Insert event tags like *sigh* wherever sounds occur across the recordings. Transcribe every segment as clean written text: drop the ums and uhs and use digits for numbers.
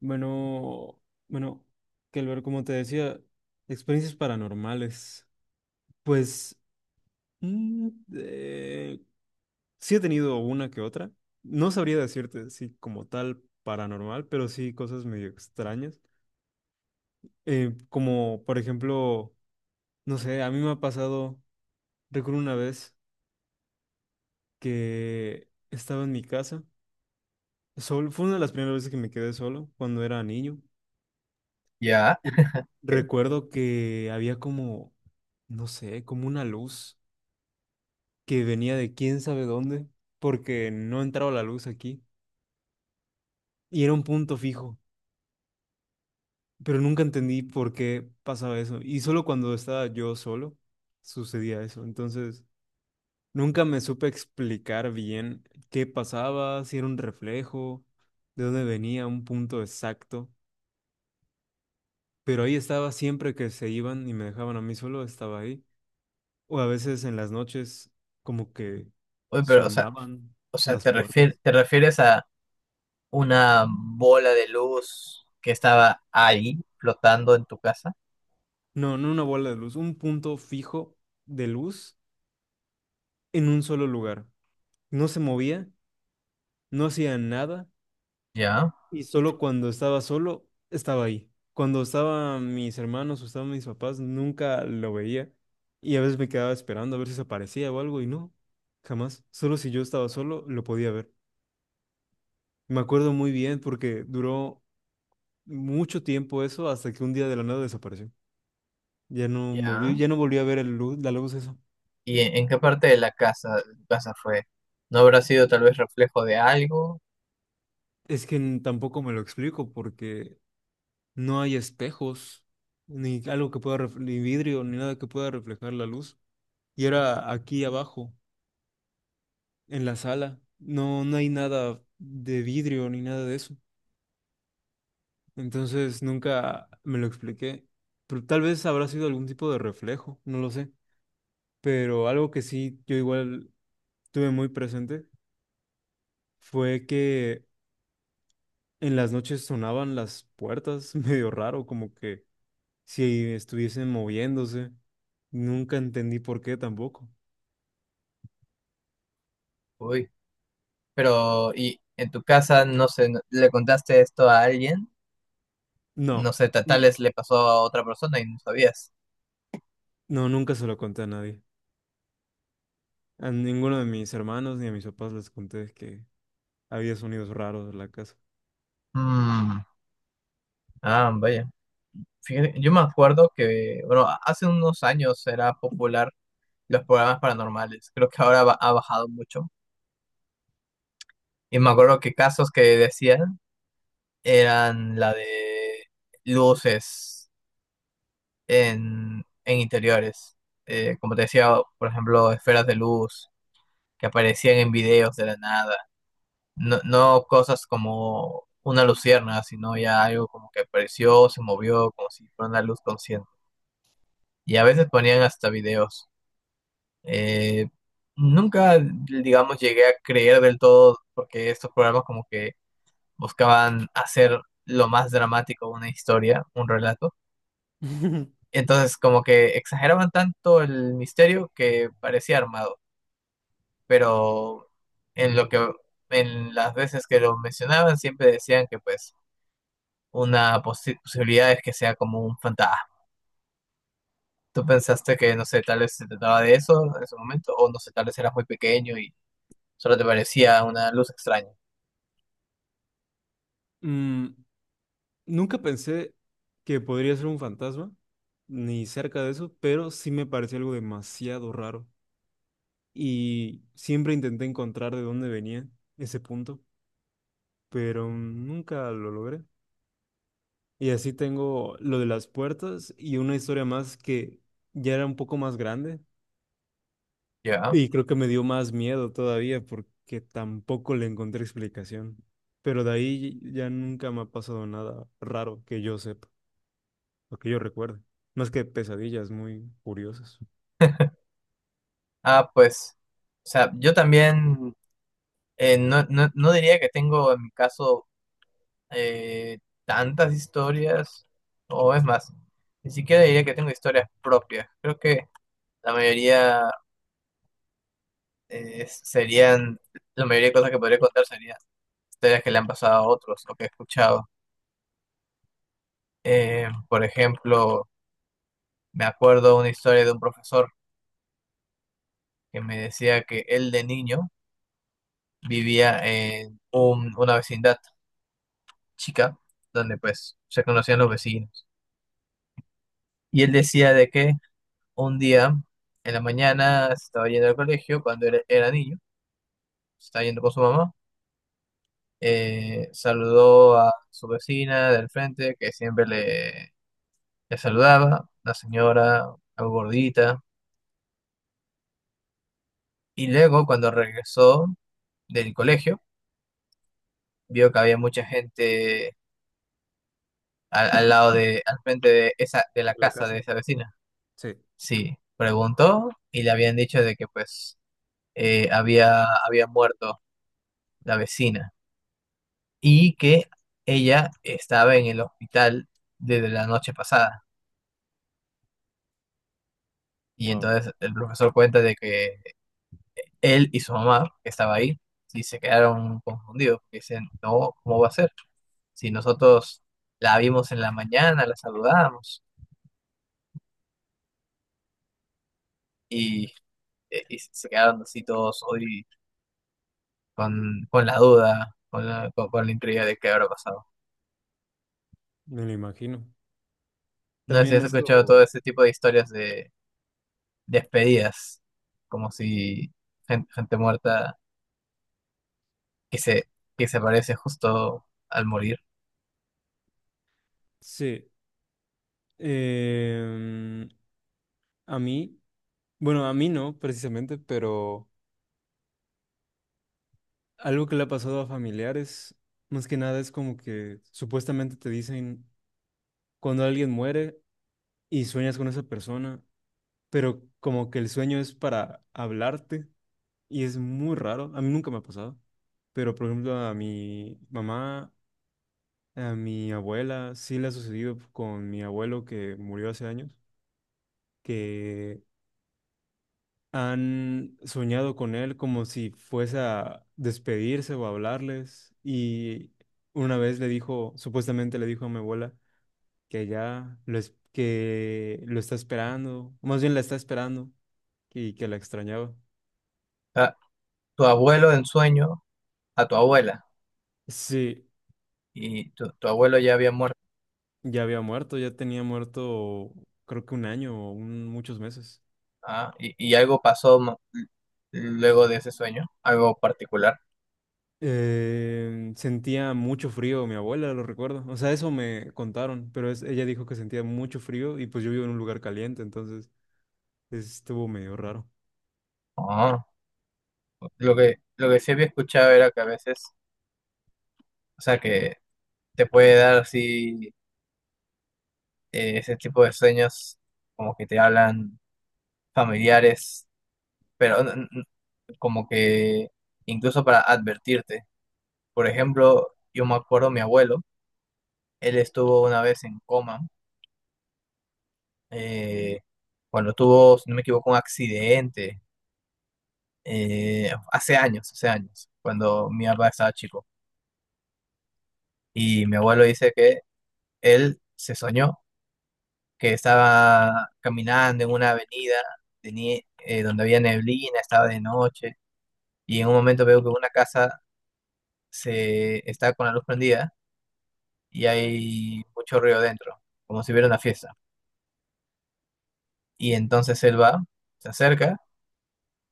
Bueno, bueno, que ver como te decía, experiencias paranormales. Pues mm, eh, sí he tenido una que otra. No sabría decirte si como tal paranormal, pero sí cosas medio extrañas. Como por ejemplo, no sé, a mí me ha pasado, recuerdo una vez que estaba en mi casa, fue una de las primeras veces que me quedé solo cuando era niño. Ya. Recuerdo que había como, no sé, como una luz que venía de quién sabe dónde, porque no entraba la luz aquí y era un punto fijo, pero nunca entendí por qué pasaba eso. Y solo cuando estaba yo solo sucedía eso. Entonces, nunca me supe explicar bien qué pasaba, si era un reflejo, de dónde venía un punto exacto, pero ahí estaba siempre que se iban y me dejaban a mí solo, estaba ahí. O a veces en las noches como que Oye, pero, o sea, sonaban o sea, las puertas. te refieres a una bola de luz que estaba ahí flotando en tu casa. No, no una bola de luz, un punto fijo de luz en un solo lugar. No se movía, no hacía nada Ya, y solo cuando estaba solo estaba ahí. Cuando estaban mis hermanos o estaban mis papás, nunca lo veía y a veces me quedaba esperando a ver si se aparecía o algo y no, jamás. Solo si yo estaba solo lo podía ver. Me acuerdo muy bien porque duró mucho tiempo eso hasta que un día de la nada desapareció. Ya. Ya no volví a ver el luz, la luz eso. ¿Y en qué parte de la casa, de tu casa fue? ¿No habrá sido tal vez reflejo de algo? Es que tampoco me lo explico porque no hay espejos, ni algo ni vidrio, ni nada que pueda reflejar la luz. Y era aquí abajo, en la sala. No, no hay nada de vidrio ni nada de eso. Entonces nunca me lo expliqué. Pero tal vez habrá sido algún tipo de reflejo, no lo sé. Pero algo que sí yo igual tuve muy presente fue que en las noches sonaban las puertas *laughs* medio raro, como que si estuviesen moviéndose. Nunca entendí por qué tampoco. Uy, pero ¿y en tu casa no sé, le contaste esto a alguien? No No, sé, tal n- vez le pasó a otra persona y no sabías. no, nunca se lo conté a nadie. A ninguno de mis hermanos ni a mis papás les conté que había sonidos raros en la casa. Mm, Ah, vaya. Fíjate, yo me acuerdo que, bueno, hace unos años era popular los programas paranormales. Creo que ahora ha bajado mucho. Y me acuerdo que casos que decían eran la de luces en interiores. Como te decía, por ejemplo, esferas de luz que aparecían en videos de la nada. No, no cosas como una lucierna, sino ya algo como que apareció, se movió, como si fuera una luz consciente. Y a veces ponían hasta videos. Eh, nunca, Digamos, llegué a creer del todo, porque estos programas como que buscaban hacer lo más dramático una historia, un relato. *laughs* Entonces, como que exageraban tanto el misterio que parecía armado, pero en lo que en las veces que lo mencionaban siempre decían que pues una posibilidad es que sea como un fantasma. ¿Tú pensaste que, no sé, tal vez se trataba de eso en ese momento? O no sé, tal vez eras muy pequeño y solo te parecía una luz extraña. Mm, nunca pensé que podría ser un fantasma, ni cerca de eso, pero sí me pareció algo demasiado raro. Y siempre intenté encontrar de dónde venía ese punto, pero nunca lo logré. Y así tengo lo de las puertas y una historia más que ya era un poco más grande. Ya. Y creo que me dio más miedo todavía porque tampoco le encontré explicación. Pero de ahí ya nunca me ha pasado nada raro que yo sepa o que yo recuerde. Más que pesadillas muy curiosas. Ah, pues, o sea, yo también no diría que tengo en mi caso eh, tantas historias, o es más, ni siquiera diría que tengo historias propias. Creo que la mayoría eh, serían, la mayoría de cosas que podría contar serían historias que le han pasado a otros o que he escuchado. Por ejemplo, me acuerdo una historia de un profesor que me decía que él de niño vivía en una vecindad chica, donde pues se conocían los vecinos. Y él decía de que un día en la mañana se estaba yendo al colegio cuando era niño, se estaba yendo con su mamá, saludó a su vecina del frente que siempre le saludaba, la señora, algo gordita, y luego cuando regresó del colegio, vio que había mucha gente al lado de, al frente de esa, de la ¿De la casa casa? de esa vecina. Sí. Sí, preguntó y le habían dicho de que pues había muerto la vecina y que ella estaba en el hospital desde la noche pasada. Y Wow, entonces el profesor cuenta de que él y su mamá, que estaba ahí, y se quedaron confundidos, porque dicen, no, ¿cómo va a ser? Si nosotros la vimos en la mañana, la saludamos y, y se quedaron así todos hoy con la duda, con la intriga de qué habrá pasado. me lo imagino. No sé si También has escuchado todo esto, ese tipo de historias de despedidas, como si gente muerta que se, que se aparece justo al morir. sí. em, a mí, bueno, a mí no precisamente, pero algo que le ha pasado a familiares, más que nada es como que supuestamente te dicen cuando alguien muere y sueñas con esa persona, pero como que el sueño es para hablarte y es muy raro. A mí nunca me ha pasado, pero por ejemplo a mi mamá, a mi abuela, sí le ha sucedido con mi abuelo que murió hace años, que han soñado con él como si fuese a despedirse o a hablarles y una vez le dijo, supuestamente le dijo a mi abuela, que lo está esperando, o más bien la está esperando y que la extrañaba. A tu abuelo en sueño, a tu abuela, Sí, y tu abuelo ya había muerto. ya había muerto, ya tenía muerto creo que un año o muchos meses. Ah, y algo pasó luego de ese sueño, algo particular. Sentía mucho frío, mi abuela lo recuerdo. O sea, eso me contaron, pero ella dijo que sentía mucho frío y pues yo vivo en un lugar caliente, entonces estuvo medio raro. Ah, lo que sí había escuchado era que a veces, o sea, que te puede dar así ese tipo de sueños, como que te hablan familiares pero como que incluso para advertirte. Por ejemplo, yo me acuerdo mi abuelo, él estuvo una vez en coma, eh, cuando tuvo, si no me equivoco, un accidente, hace años, cuando mi papá estaba chico. Y mi abuelo dice que él se soñó que estaba caminando en una avenida donde había neblina, estaba de noche, y en un momento veo que una casa se está con la luz prendida y hay mucho ruido dentro, como si hubiera una fiesta. Y entonces él va, se acerca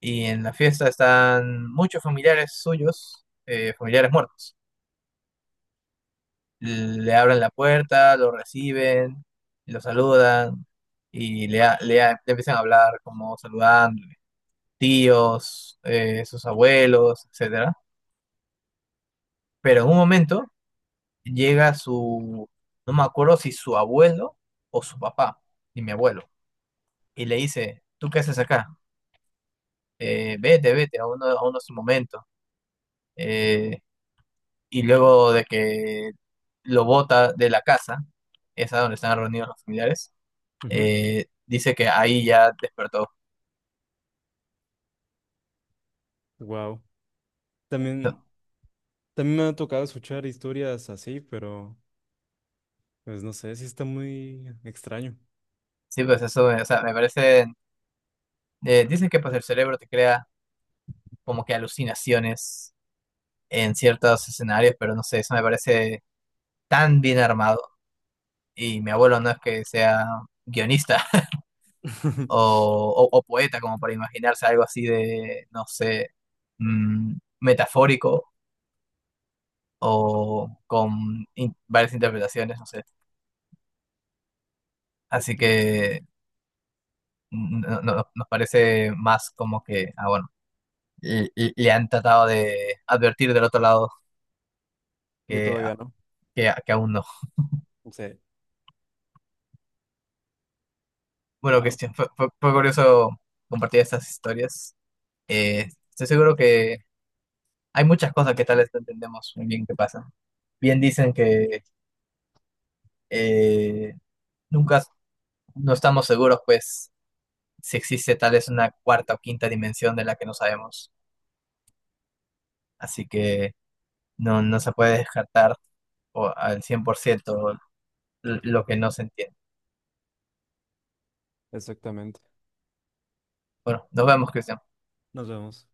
y en la fiesta están muchos familiares suyos, familiares muertos. Le abren la puerta, lo reciben, lo saludan y le empiezan a hablar como saludándole, tíos, sus abuelos, etcétera. Pero en un momento llega no me acuerdo si su abuelo o su papá, y mi abuelo, y le dice, ¿tú qué haces acá? Vete, vete, a uno su momento. Eh, y luego de que lo bota de la casa, esa donde están reunidos los familiares, dice que ahí ya despertó. Wow. También, también me ha tocado escuchar historias así, pero pues no sé, sí está muy extraño. Sí, pues eso, o sea, me parece, dicen que pues el cerebro te crea como que alucinaciones en ciertos escenarios, pero no sé, eso me parece tan bien armado. Y mi abuelo no es que sea guionista, *laughs* o poeta, como para imaginarse algo así de, no sé, mm, metafórico o con varias interpretaciones, no sé. Así que mm, nos parece más como que, ah, bueno, le han tratado de advertir del otro lado Yo que, ah, todavía no. Que aún no. Sí, Bueno, wow, Cristian, fue curioso compartir estas historias. Estoy seguro que hay muchas cosas que tal vez no entendemos muy bien que pasan. Bien dicen que eh, nunca no estamos seguros, pues, si existe tal vez una cuarta o quinta dimensión de la que no sabemos. Así que no, no se puede descartar al 100% lo que no se entiende. exactamente. Bueno, nos vemos, Cristian. Nos vemos.